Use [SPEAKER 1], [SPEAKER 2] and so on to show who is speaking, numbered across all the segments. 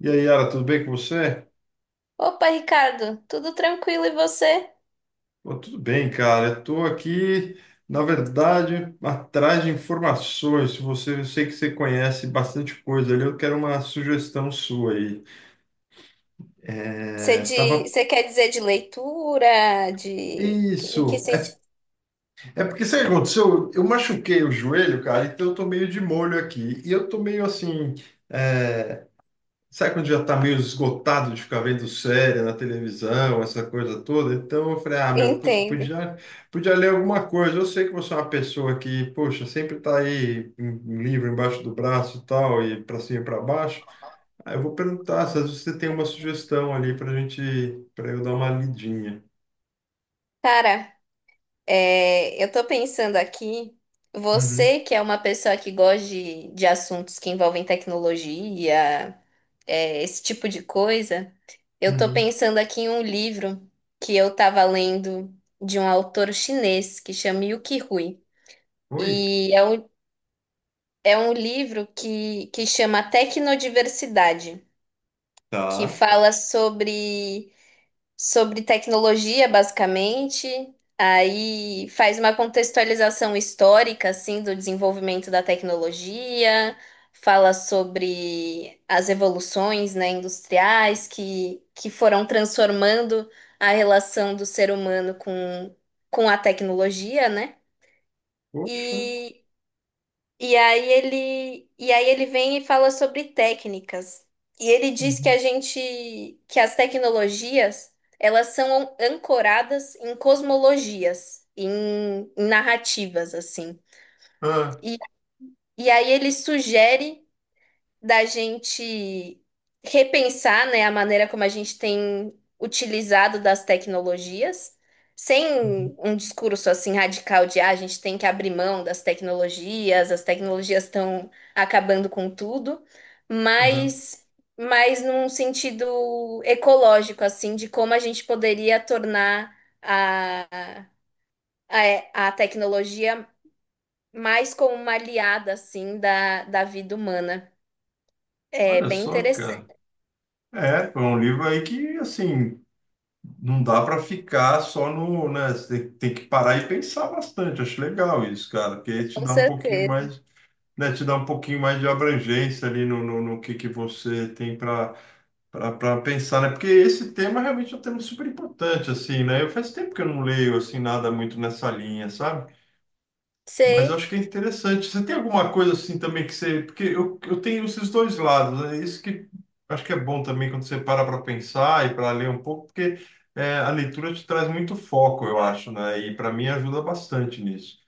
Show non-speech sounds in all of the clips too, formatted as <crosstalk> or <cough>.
[SPEAKER 1] E aí, Yara, tudo bem com você?
[SPEAKER 2] Opa, Ricardo, tudo tranquilo e você?
[SPEAKER 1] Pô, tudo bem, cara. Eu tô aqui, na verdade, atrás de informações. Se você, eu sei que você conhece bastante coisa ali, eu quero uma sugestão sua aí.
[SPEAKER 2] Você,
[SPEAKER 1] É,
[SPEAKER 2] de,
[SPEAKER 1] tava...
[SPEAKER 2] você quer dizer de leitura, em que
[SPEAKER 1] Isso.
[SPEAKER 2] sentido?
[SPEAKER 1] É porque sabe o que aconteceu? Eu machuquei o joelho, cara, então eu tô meio de molho aqui. E eu tô meio assim. é, Sabe quando já tá meio esgotado de ficar vendo série na televisão, essa coisa toda? Então eu falei, ah, meu, putz,
[SPEAKER 2] Entendo.
[SPEAKER 1] podia ler alguma coisa. Eu sei que você é uma pessoa que, poxa, sempre tá aí um livro embaixo do braço e tal, e para cima e para baixo. Aí eu vou perguntar se às vezes você tem uma sugestão ali pra gente, para eu dar uma lidinha.
[SPEAKER 2] Cara, eu tô pensando aqui,
[SPEAKER 1] Uhum,
[SPEAKER 2] você que é uma pessoa que gosta de assuntos que envolvem tecnologia, esse tipo de coisa, eu tô
[SPEAKER 1] uhum.
[SPEAKER 2] pensando aqui em um livro que eu tava lendo de um autor chinês que chama Yukio Hui.
[SPEAKER 1] Oi?
[SPEAKER 2] E é um É um livro que chama Tecnodiversidade, que
[SPEAKER 1] Tá.
[SPEAKER 2] fala sobre, sobre tecnologia, basicamente. Aí faz uma contextualização histórica, assim, do desenvolvimento da tecnologia, fala sobre as evoluções, né, industriais que foram transformando a relação do ser humano com a tecnologia, né?
[SPEAKER 1] Poxa.
[SPEAKER 2] E e aí ele vem e fala sobre técnicas. E ele diz que
[SPEAKER 1] Uhum.
[SPEAKER 2] as tecnologias, elas são ancoradas em cosmologias, em narrativas, assim.
[SPEAKER 1] Ah,
[SPEAKER 2] E, e aí ele sugere da gente repensar, né, a maneira como a gente tem utilizado das tecnologias,
[SPEAKER 1] uhum.
[SPEAKER 2] sem um discurso assim radical de ah, a gente tem que abrir mão das tecnologias, as tecnologias estão acabando com tudo,
[SPEAKER 1] Aham.
[SPEAKER 2] mas mas num sentido ecológico assim de como a gente poderia tornar a a tecnologia mais como uma aliada assim da vida humana. É
[SPEAKER 1] Olha
[SPEAKER 2] bem
[SPEAKER 1] só, cara.
[SPEAKER 2] interessante.
[SPEAKER 1] É, foi um livro aí que, assim, não dá para ficar só no, né? Tem que parar e pensar bastante. Acho legal isso, cara, porque aí te
[SPEAKER 2] Com
[SPEAKER 1] dá um pouquinho
[SPEAKER 2] certeza.
[SPEAKER 1] mais, né? Te dá um pouquinho mais de abrangência ali no que você tem para para pensar, né? Porque esse tema realmente é um tema super importante, assim, né? Eu faz tempo que eu não leio assim nada muito nessa linha, sabe? Mas eu
[SPEAKER 2] Sei,
[SPEAKER 1] acho que é interessante. Você tem alguma coisa assim também que você. Porque eu tenho esses dois lados. É isso que acho que é bom também quando você para para pensar e para ler um pouco, porque é, a leitura te traz muito foco, eu acho, né? E para mim ajuda bastante nisso.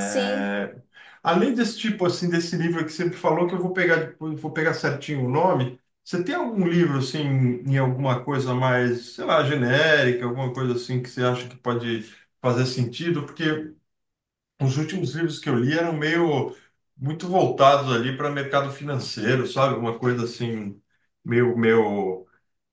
[SPEAKER 2] sim,
[SPEAKER 1] É, além desse tipo assim, desse livro que você falou, que eu vou pegar, depois, vou pegar certinho o nome. Você tem algum livro assim, em alguma coisa mais, sei lá, genérica, alguma coisa assim que você acha que pode fazer sentido? Porque os últimos livros que eu li eram meio muito voltados ali para mercado financeiro, sabe? Uma coisa assim, meio, meio,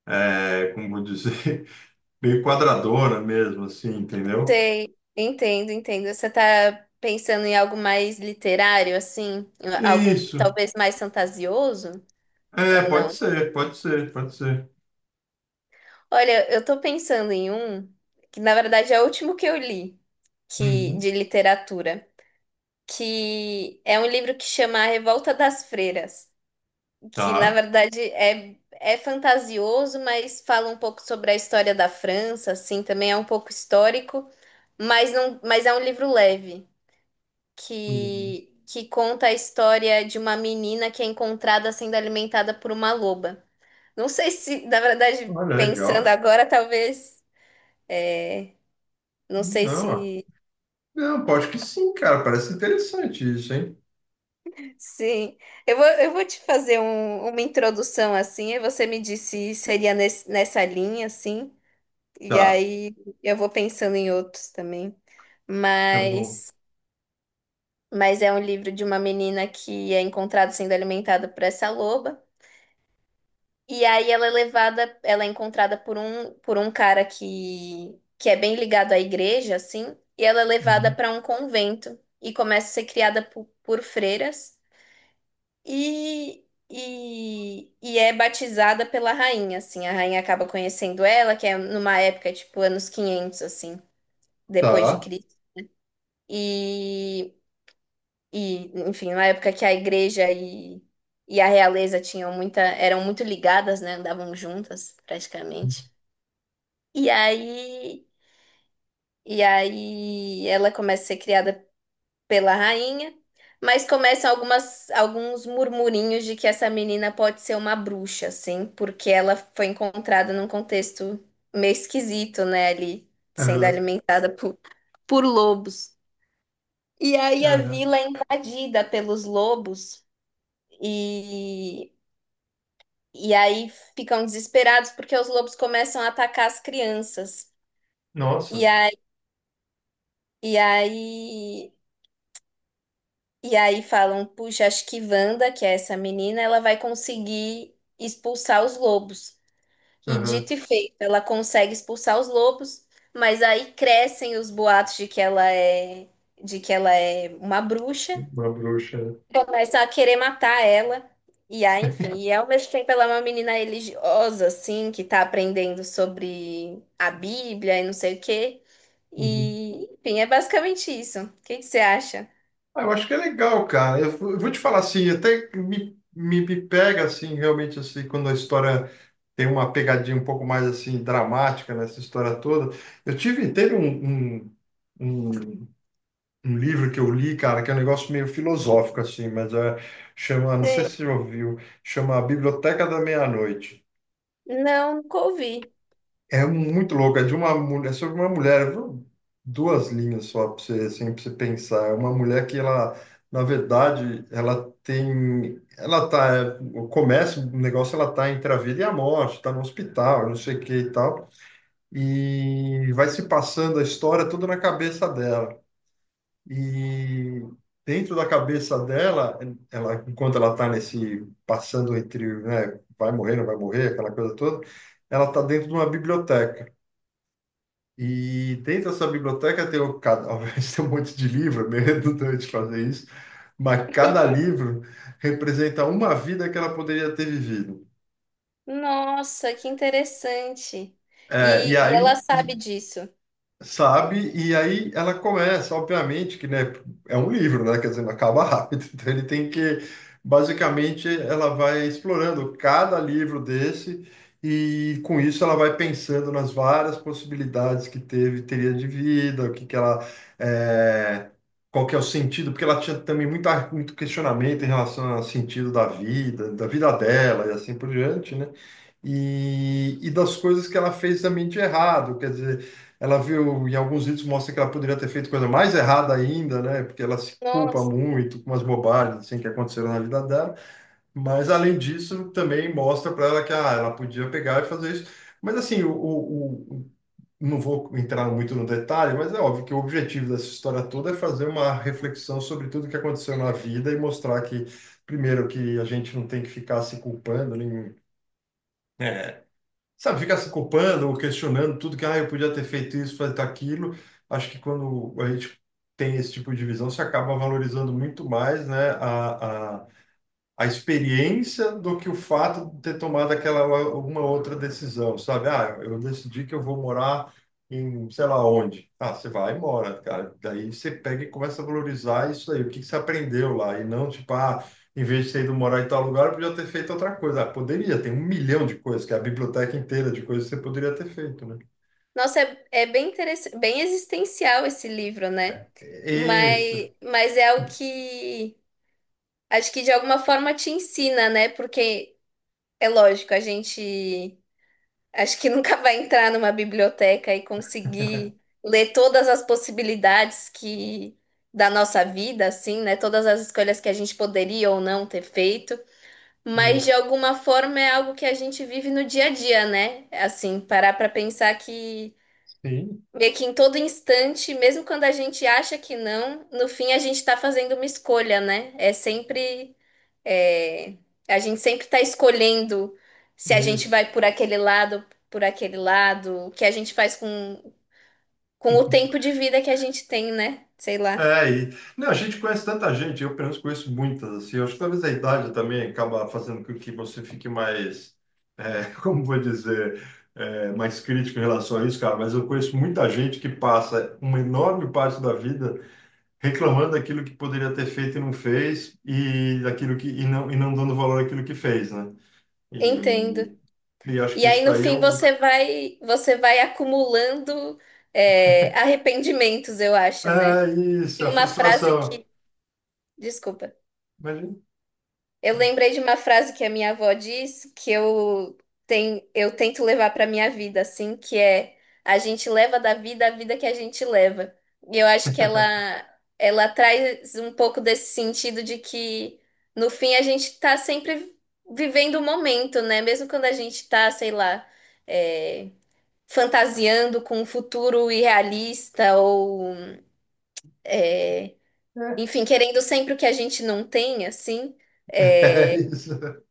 [SPEAKER 1] é, como vou dizer, <laughs> meio quadradona mesmo, assim, entendeu?
[SPEAKER 2] sei. Entendo, entendo. Você está pensando em algo mais literário, assim? Algo
[SPEAKER 1] Isso.
[SPEAKER 2] talvez mais fantasioso
[SPEAKER 1] É,
[SPEAKER 2] ou
[SPEAKER 1] pode
[SPEAKER 2] não?
[SPEAKER 1] ser, pode ser, pode ser.
[SPEAKER 2] Olha, eu estou pensando em um que, na verdade, é o último que eu li que,
[SPEAKER 1] Uhum.
[SPEAKER 2] de literatura, que é um livro que chama A Revolta das Freiras, que na
[SPEAKER 1] Tá.
[SPEAKER 2] verdade é, é fantasioso, mas fala um pouco sobre a história da França, assim, também é um pouco histórico, mas não, mas é um livro leve
[SPEAKER 1] Uhum.
[SPEAKER 2] que conta a história de uma menina que é encontrada sendo alimentada por uma loba. Não sei se, na verdade,
[SPEAKER 1] Olha,
[SPEAKER 2] pensando
[SPEAKER 1] legal.
[SPEAKER 2] agora, talvez, é, não sei
[SPEAKER 1] Não, ó,
[SPEAKER 2] se
[SPEAKER 1] não, pô, acho que sim, cara. Parece interessante isso, hein?
[SPEAKER 2] sim. Eu vou te fazer uma introdução assim, e você me disse se seria nessa linha assim. E
[SPEAKER 1] Tá,
[SPEAKER 2] aí eu vou pensando em outros também.
[SPEAKER 1] tá bom.
[SPEAKER 2] Mas, mas é um livro de uma menina que é encontrada sendo alimentada por essa loba. E aí ela é encontrada por um cara que é bem ligado à igreja, assim. E ela é levada
[SPEAKER 1] Uhum.
[SPEAKER 2] para um convento e começa a ser criada por freiras. E, e é batizada pela rainha, assim. A rainha acaba conhecendo ela, que é numa época, tipo, anos 500 assim, depois de
[SPEAKER 1] Tá.
[SPEAKER 2] Cristo. E, enfim, na época que a igreja e a realeza tinham muita, eram muito ligadas, né? Andavam juntas, praticamente. E aí, e aí ela começa a ser criada pela rainha, mas começam alguns murmurinhos de que essa menina pode ser uma bruxa, assim, porque ela foi encontrada num contexto meio esquisito, né? Ali, sendo
[SPEAKER 1] Aham,
[SPEAKER 2] alimentada por lobos. E aí a
[SPEAKER 1] aham.
[SPEAKER 2] vila é invadida pelos lobos e, e aí ficam desesperados porque os lobos começam a atacar as crianças.
[SPEAKER 1] Nossa,
[SPEAKER 2] E aí, e aí, e aí falam, puxa, acho que Wanda, que é essa menina, ela vai conseguir expulsar os lobos. E
[SPEAKER 1] aham.
[SPEAKER 2] dito e feito, ela consegue expulsar os lobos, mas aí crescem os boatos de de que ela é uma bruxa.
[SPEAKER 1] Uma bruxa, né?
[SPEAKER 2] Começa a querer matar ela. E aí, enfim, e ao mesmo tempo ela é uma menina religiosa, assim, que tá aprendendo sobre a Bíblia e não sei o quê.
[SPEAKER 1] Uhum.
[SPEAKER 2] E, enfim, é basicamente isso. O que que você acha?
[SPEAKER 1] Ah, eu acho que é legal, cara. Eu vou te falar assim, até me pega assim, realmente assim, quando a história tem uma pegadinha um pouco mais assim dramática nessa história toda. Teve um, um livro que eu li, cara, que é um negócio meio filosófico assim, mas é, chama, não sei
[SPEAKER 2] Sei.
[SPEAKER 1] se você já ouviu, chama A Biblioteca da Meia-Noite.
[SPEAKER 2] Não, nunca ouvi.
[SPEAKER 1] É muito louco, é de uma mulher, é sobre uma mulher, viu? Duas linhas só para você, assim, para você pensar. É uma mulher que ela, na verdade, ela tá, é, começa o negócio, ela tá entre a vida e a morte, tá no hospital, não sei o que e tal, e vai se passando a história toda na cabeça dela. E dentro da cabeça dela, ela, enquanto ela tá nesse passando entre, né, vai morrer, não vai morrer, aquela coisa toda, ela tá dentro de uma biblioteca. E dentro da sua biblioteca tem, um, <laughs> obviamente tem um monte de livro, é meio redundante fazer isso, mas cada livro representa uma vida que ela poderia ter vivido.
[SPEAKER 2] Nossa, que interessante.
[SPEAKER 1] É, e
[SPEAKER 2] E ela
[SPEAKER 1] aí,
[SPEAKER 2] sabe
[SPEAKER 1] e
[SPEAKER 2] disso.
[SPEAKER 1] sabe? E aí ela começa, obviamente, que né, é um livro, né? Quer dizer, não acaba rápido. <laughs> Então ele tem que, basicamente, ela vai explorando cada livro desse e com isso ela vai pensando nas várias possibilidades que teve, teria de vida, o que que ela é, qual que é o sentido? Porque ela tinha também muito questionamento em relação ao sentido da vida dela e assim por diante, né? E das coisas que ela fez também de errado, quer dizer, ela viu, em alguns vídeos mostra que ela poderia ter feito coisa mais errada ainda, né? Porque ela se culpa
[SPEAKER 2] Nossa,
[SPEAKER 1] muito com umas bobagens assim, que aconteceram na vida dela. Mas, além disso, também mostra para ela que ah, ela podia pegar e fazer isso. Mas, assim, não vou entrar muito no detalhe, mas é óbvio que o objetivo dessa história toda é fazer uma reflexão sobre tudo que aconteceu na vida e mostrar que, primeiro, que a gente não tem que ficar se culpando, nem né, sabe, ficar se culpando ou questionando tudo que, ah, eu podia ter feito isso, fazer aquilo. Acho que quando a gente tem esse tipo de visão, você acaba valorizando muito mais, né, a experiência do que o fato de ter tomado aquela alguma outra decisão, sabe? Ah, eu decidi que eu vou morar em sei lá onde. Ah, você vai e mora, cara. Daí você pega e começa a valorizar isso aí, o que que você aprendeu lá, e não tipo, ah, em vez de ter ido morar em tal lugar, eu podia ter feito outra coisa. Ah, poderia, tem um milhão de coisas, que é a biblioteca inteira de coisas que você poderia ter feito, né?
[SPEAKER 2] nossa, é, é bem interessante, bem existencial esse livro, né?
[SPEAKER 1] Isso,
[SPEAKER 2] Mas é o que acho que de alguma forma te ensina, né? Porque é lógico, a gente acho que nunca vai entrar numa biblioteca e conseguir ler todas as possibilidades que da nossa vida, assim, né? Todas as escolhas que a gente poderia ou não ter feito, mas de
[SPEAKER 1] isso.
[SPEAKER 2] alguma forma é algo que a gente vive no dia a dia, né? Assim, parar para pensar que
[SPEAKER 1] Sim,
[SPEAKER 2] meio que em todo instante, mesmo quando a gente acha que não, no fim a gente está fazendo uma escolha, né? É sempre. é, a gente sempre está escolhendo se a gente
[SPEAKER 1] isso.
[SPEAKER 2] vai por aquele lado, o que a gente faz com o
[SPEAKER 1] <laughs>
[SPEAKER 2] tempo de vida que a gente tem, né? Sei lá.
[SPEAKER 1] É, e não, a gente conhece tanta gente, eu pelo menos conheço muitas, assim, eu acho que talvez a idade também acaba fazendo com que você fique mais, <laughs> como vou dizer, é, mais crítico em relação a isso, cara, mas eu conheço muita gente que passa uma enorme parte da vida reclamando daquilo que poderia ter feito e não fez, e daquilo e não dando valor àquilo que fez, né?
[SPEAKER 2] Entendo.
[SPEAKER 1] E, e acho que
[SPEAKER 2] E
[SPEAKER 1] isso
[SPEAKER 2] aí no
[SPEAKER 1] daí é
[SPEAKER 2] fim
[SPEAKER 1] um,
[SPEAKER 2] você vai acumulando, arrependimentos, eu acho,
[SPEAKER 1] é
[SPEAKER 2] né?
[SPEAKER 1] isso,
[SPEAKER 2] E
[SPEAKER 1] é a
[SPEAKER 2] uma frase
[SPEAKER 1] frustração.
[SPEAKER 2] que. Desculpa.
[SPEAKER 1] Imagina.
[SPEAKER 2] Eu
[SPEAKER 1] <laughs>
[SPEAKER 2] lembrei de uma frase que a minha avó disse tem, eu tento levar para minha vida, assim, que é a gente leva da vida a vida que a gente leva. E eu acho ela traz um pouco desse sentido de que, no fim, a gente está sempre vivendo o momento, né? Mesmo quando a gente está, sei lá, é, fantasiando com um futuro irrealista ou, é, enfim, querendo sempre o que a gente não tem, assim.
[SPEAKER 1] É
[SPEAKER 2] É,
[SPEAKER 1] isso.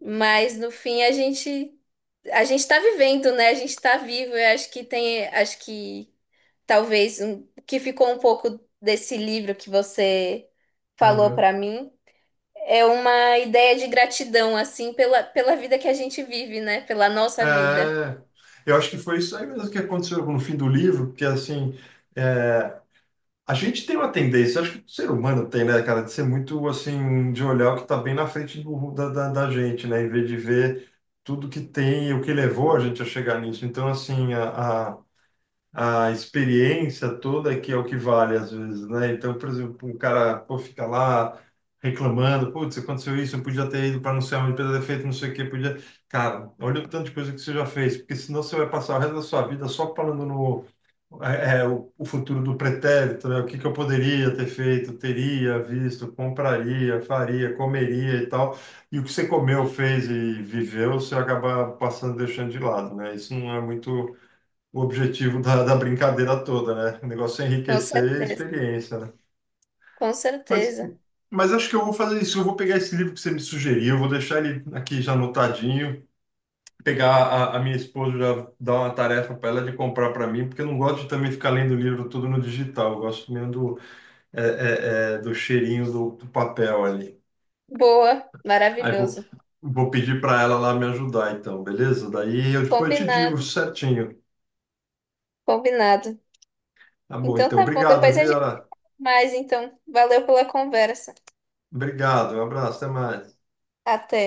[SPEAKER 2] mas no fim a gente está vivendo, né? A gente está vivo. Eu acho que tem, acho que talvez um, o que ficou um pouco desse livro que você falou
[SPEAKER 1] Uhum.
[SPEAKER 2] para mim é uma ideia de gratidão assim pela pela vida que a gente vive, né? Pela nossa vida.
[SPEAKER 1] É, eu acho que foi isso aí mesmo que aconteceu no fim do livro, porque assim, é, a gente tem uma tendência, acho que o ser humano tem, né, cara, de ser muito assim, de olhar o que está bem na frente da, da gente, né, em vez de ver tudo que tem e o que levou a gente a chegar nisso. Então, assim, a experiência toda que é o que vale às vezes, né? Então, por exemplo, um cara pô, fica lá reclamando, putz, aconteceu isso, eu podia ter ido para não sei onde, podia ter feito não sei o quê, podia... Cara, olha o tanto de coisa que você já fez, porque senão você vai passar o resto da sua vida só falando no... o futuro do pretérito, né? O que que eu poderia ter feito, teria visto, compraria, faria, comeria e tal. E o que você comeu, fez e viveu, você acaba passando, deixando de lado, né? Isso não é muito o objetivo da brincadeira toda, né? O negócio é
[SPEAKER 2] Com
[SPEAKER 1] enriquecer a
[SPEAKER 2] certeza,
[SPEAKER 1] experiência, né?
[SPEAKER 2] com
[SPEAKER 1] Mas,
[SPEAKER 2] certeza.
[SPEAKER 1] mas acho que eu vou fazer isso. Eu vou pegar esse livro que você me sugeriu, vou deixar ele aqui já anotadinho, pegar a minha esposa, já dar uma tarefa para ela de comprar para mim, porque eu não gosto de também ficar lendo livro tudo no digital. Eu gosto mesmo do, do cheirinho do, do papel ali.
[SPEAKER 2] Boa,
[SPEAKER 1] Aí vou.
[SPEAKER 2] maravilhoso.
[SPEAKER 1] Vou pedir para ela lá me ajudar, então, beleza? Daí eu depois te digo
[SPEAKER 2] Combinado,
[SPEAKER 1] certinho.
[SPEAKER 2] combinado.
[SPEAKER 1] Tá bom,
[SPEAKER 2] Então
[SPEAKER 1] então.
[SPEAKER 2] tá bom.
[SPEAKER 1] Obrigado,
[SPEAKER 2] Depois a gente
[SPEAKER 1] Vera.
[SPEAKER 2] mais. Então, valeu pela conversa.
[SPEAKER 1] Obrigado. Um abraço. Até mais.
[SPEAKER 2] Até.